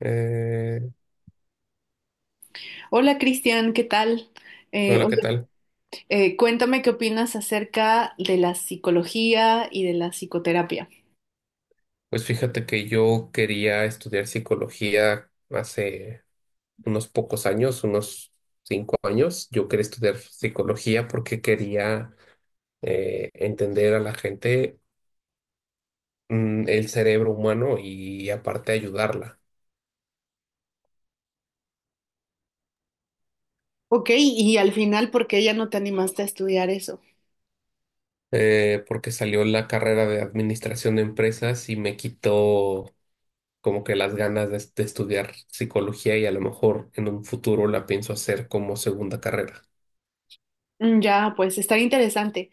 Eh, Hola Cristian, ¿qué tal? Hola, Oye, ¿qué tal? Cuéntame qué opinas acerca de la psicología y de la psicoterapia. Pues fíjate que yo quería estudiar psicología hace unos pocos años, unos 5 años. Yo quería estudiar psicología porque quería entender a la gente, el cerebro humano y aparte ayudarla. Ok, y al final, ¿por qué ya no te animaste a estudiar eso? Porque salió la carrera de administración de empresas y me quitó como que las ganas de estudiar psicología y a lo mejor en un futuro la pienso hacer como segunda carrera. Mm, ya, pues está interesante.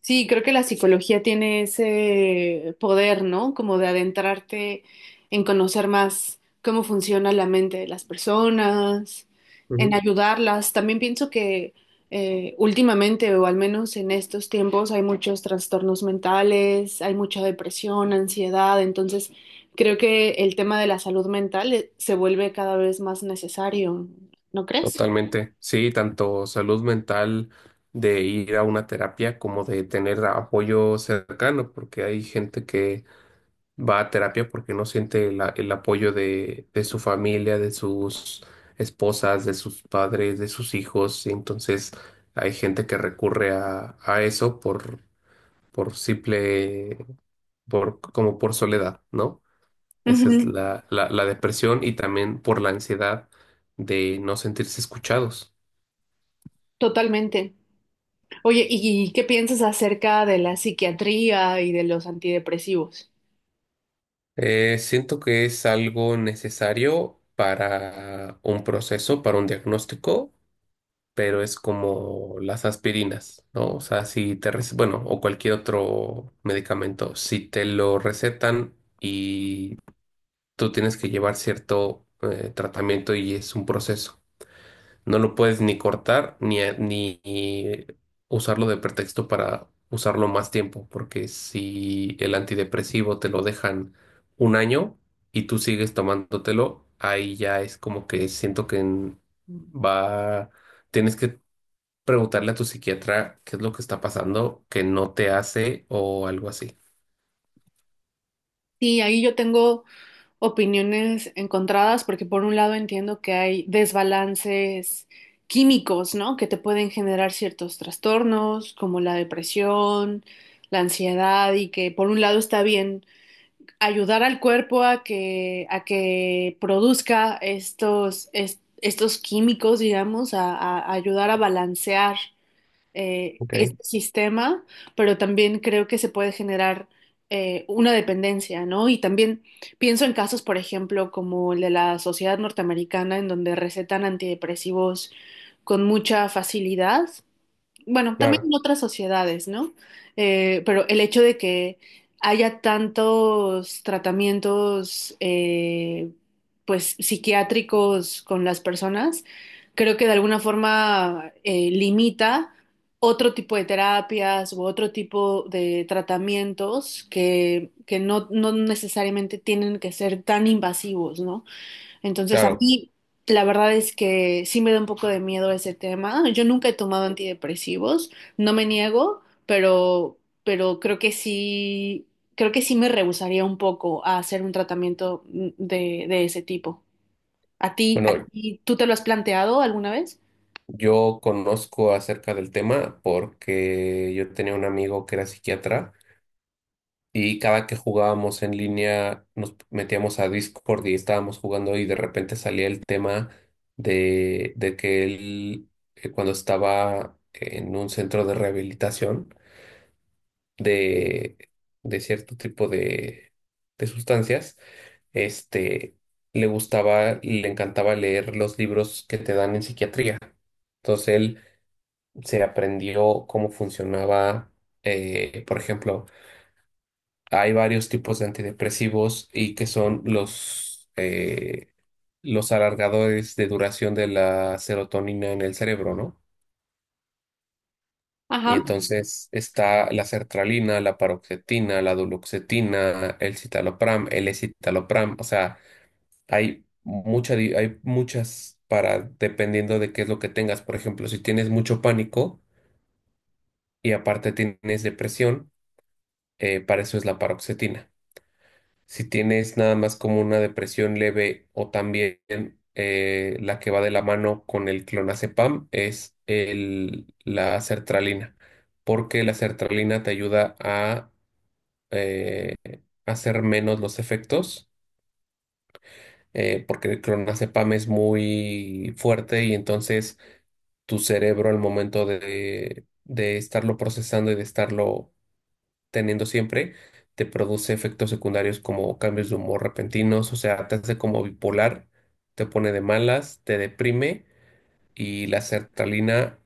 Sí, creo que la psicología tiene ese poder, ¿no? Como de adentrarte en conocer más cómo funciona la mente de las personas, en ayudarlas. También pienso que últimamente, o al menos en estos tiempos, hay muchos trastornos mentales, hay mucha depresión, ansiedad. Entonces, creo que el tema de la salud mental se vuelve cada vez más necesario, ¿no crees? Totalmente, sí, tanto salud mental de ir a una terapia como de tener apoyo cercano, porque hay gente que va a terapia porque no siente el apoyo de su familia, de sus esposas, de sus padres, de sus hijos, y entonces hay gente que recurre a eso por simple, por, como por soledad, ¿no? Esa es Ujú, la, la depresión y también por la ansiedad de no sentirse escuchados. totalmente. Oye, ¿y qué piensas acerca de la psiquiatría y de los antidepresivos? Siento que es algo necesario para un proceso, para un diagnóstico, pero es como las aspirinas, ¿no? O sea, si te, rece- bueno, o cualquier otro medicamento, si te lo recetan y tú tienes que llevar cierto tratamiento y es un proceso. No lo puedes ni cortar ni usarlo de pretexto para usarlo más tiempo, porque si el antidepresivo te lo dejan 1 año y tú sigues tomándotelo, ahí ya es como que siento que va, tienes que preguntarle a tu psiquiatra qué es lo que está pasando, que no te hace o algo así. Sí, ahí yo tengo opiniones encontradas porque por un lado entiendo que hay desbalances químicos, ¿no? Que te pueden generar ciertos trastornos como la depresión, la ansiedad y que por un lado está bien ayudar al cuerpo a que produzca estos químicos, digamos, a ayudar a balancear Ok, este sistema, pero también creo que se puede generar una dependencia, ¿no? Y también pienso en casos, por ejemplo, como el de la sociedad norteamericana, en donde recetan antidepresivos con mucha facilidad, bueno, también claro, en otras sociedades, ¿no? Pero el hecho de que haya tantos tratamientos, pues, psiquiátricos con las personas, creo que de alguna forma limita otro tipo de terapias u otro tipo de tratamientos que no, no necesariamente tienen que ser tan invasivos, ¿no? Entonces a claro. mí la verdad es que sí me da un poco de miedo ese tema. Yo nunca he tomado antidepresivos, no me niego, pero creo que sí me rehusaría un poco a hacer un tratamiento de ese tipo. A Bueno, ti, tú te lo has planteado alguna vez? yo conozco acerca del tema porque yo tenía un amigo que era psiquiatra y cada que jugábamos en línea, nos metíamos a Discord y estábamos jugando y de repente salía el tema de que él, cuando estaba en un centro de rehabilitación de, de cierto tipo de sustancias, este, le gustaba y le encantaba leer los libros que te dan en psiquiatría. Entonces él se aprendió cómo funcionaba, por ejemplo, hay varios tipos de antidepresivos y que son los alargadores de duración de la serotonina en el cerebro, ¿no? Y Ajá. entonces está la sertralina, la paroxetina, la duloxetina, el citalopram, el escitalopram. O sea, hay muchas para, dependiendo de qué es lo que tengas. Por ejemplo, si tienes mucho pánico y aparte tienes depresión, para eso es la paroxetina. Si tienes nada más como una depresión leve o también la que va de la mano con el clonazepam es el, la sertralina, porque la sertralina te ayuda a eh, hacer menos los efectos, porque el clonazepam es muy fuerte y entonces tu cerebro al momento de estarlo procesando y de estarlo teniendo siempre, te produce efectos secundarios como cambios de humor repentinos, o sea, te hace como bipolar, te pone de malas, te deprime y la sertralina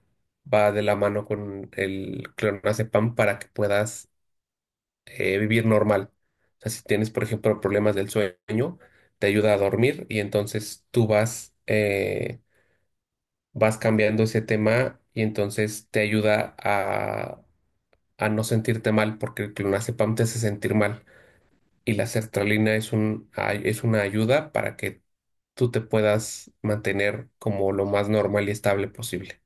va de la mano con el clonazepam para que puedas vivir normal. O sea, si tienes, por ejemplo, problemas del sueño, te ayuda a dormir y entonces tú vas, vas cambiando ese tema y entonces te ayuda a no sentirte mal porque el clonazepam te hace sentir mal. Y la sertralina es es una ayuda para que tú te puedas mantener como lo más normal y estable posible.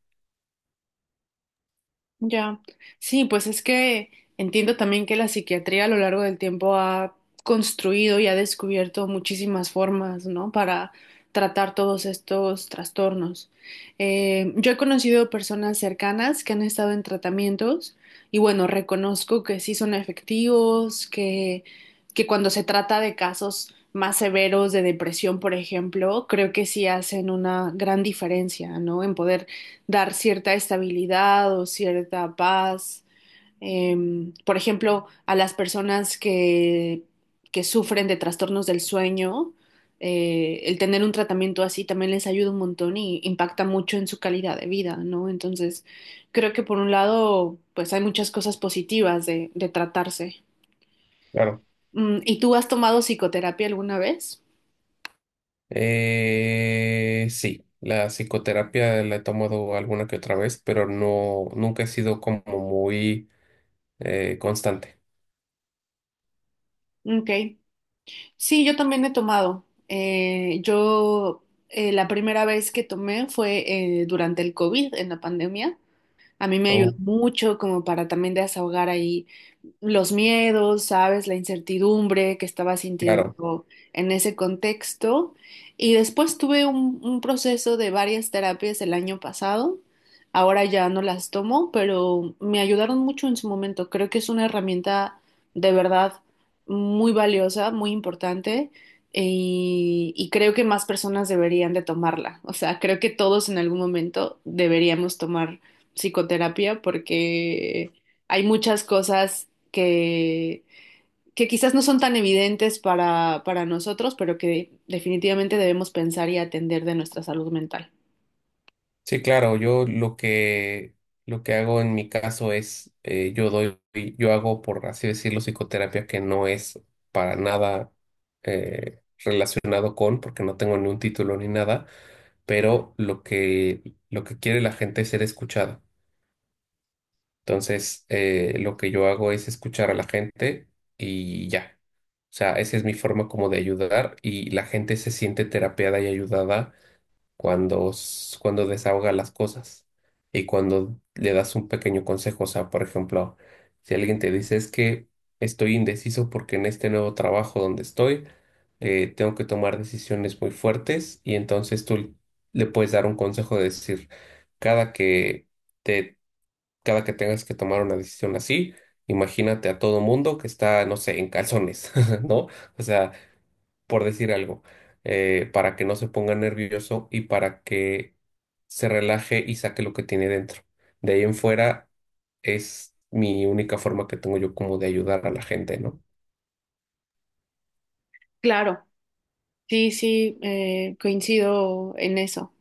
Ya, sí, pues es que entiendo también que la psiquiatría a lo largo del tiempo ha construido y ha descubierto muchísimas formas, ¿no? Para tratar todos estos trastornos. Yo he conocido personas cercanas que han estado en tratamientos y bueno, reconozco que sí son efectivos, que cuando se trata de casos más severos de depresión, por ejemplo, creo que sí hacen una gran diferencia, ¿no? En poder dar cierta estabilidad o cierta paz. Em, por ejemplo, a las personas que sufren de trastornos del sueño, el tener un tratamiento así también les ayuda un montón y impacta mucho en su calidad de vida, ¿no? Entonces, creo que por un lado, pues hay muchas cosas positivas de tratarse. Claro. Mm, ¿y tú has tomado psicoterapia alguna vez? Sí, la psicoterapia la he tomado alguna que otra vez, pero no, nunca he sido como muy constante. Ok. Sí, yo también he tomado. Yo la primera vez que tomé fue durante el COVID, en la pandemia. A mí me ayudó Oh, mucho como para también desahogar ahí los miedos, ¿sabes? La incertidumbre que estaba claro. sintiendo en ese contexto. Y después tuve un proceso de varias terapias el año pasado. Ahora ya no las tomo, pero me ayudaron mucho en su momento. Creo que es una herramienta de verdad muy valiosa, muy importante. Y creo que más personas deberían de tomarla. O sea, creo que todos en algún momento deberíamos tomar psicoterapia porque hay muchas cosas que, que quizás no son tan evidentes para nosotros, pero que definitivamente debemos pensar y atender de nuestra salud mental. Sí, claro, yo lo que hago en mi caso es yo doy, yo hago por así decirlo, psicoterapia que no es para nada eh, relacionado con, porque no tengo ni un título ni nada, pero lo que quiere la gente es ser escuchada. Entonces, lo que yo hago es escuchar a la gente y ya. O sea, esa es mi forma como de ayudar y la gente se siente terapeada y ayudada cuando, cuando desahogas las cosas y cuando le das un pequeño consejo. O sea, por ejemplo, si alguien te dice es que estoy indeciso porque en este nuevo trabajo donde estoy tengo que tomar decisiones muy fuertes y entonces tú le puedes dar un consejo de decir, cada que te, cada que tengas que tomar una decisión así, imagínate a todo mundo que está, no sé, en calzones, ¿no? O sea, por decir algo, para que no se ponga nervioso y para que se relaje y saque lo que tiene dentro. De ahí en fuera es mi única forma que tengo yo como de ayudar a la gente, ¿no? Claro, sí, sí, coincido en eso.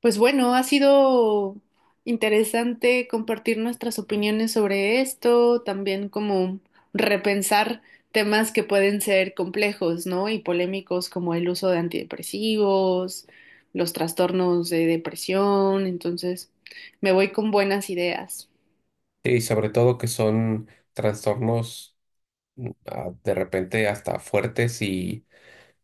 Pues bueno, ha sido interesante compartir nuestras opiniones sobre esto, también como repensar temas que pueden ser complejos, ¿no? Y polémicos como el uso de antidepresivos, los trastornos de depresión. Entonces, me voy con buenas ideas. Sí, y sobre todo que son trastornos de repente hasta fuertes y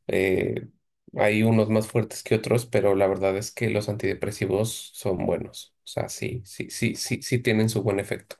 eh, hay unos más fuertes que otros, pero la verdad es que los antidepresivos son buenos. O sea, sí, sí, sí, sí, sí tienen su buen efecto.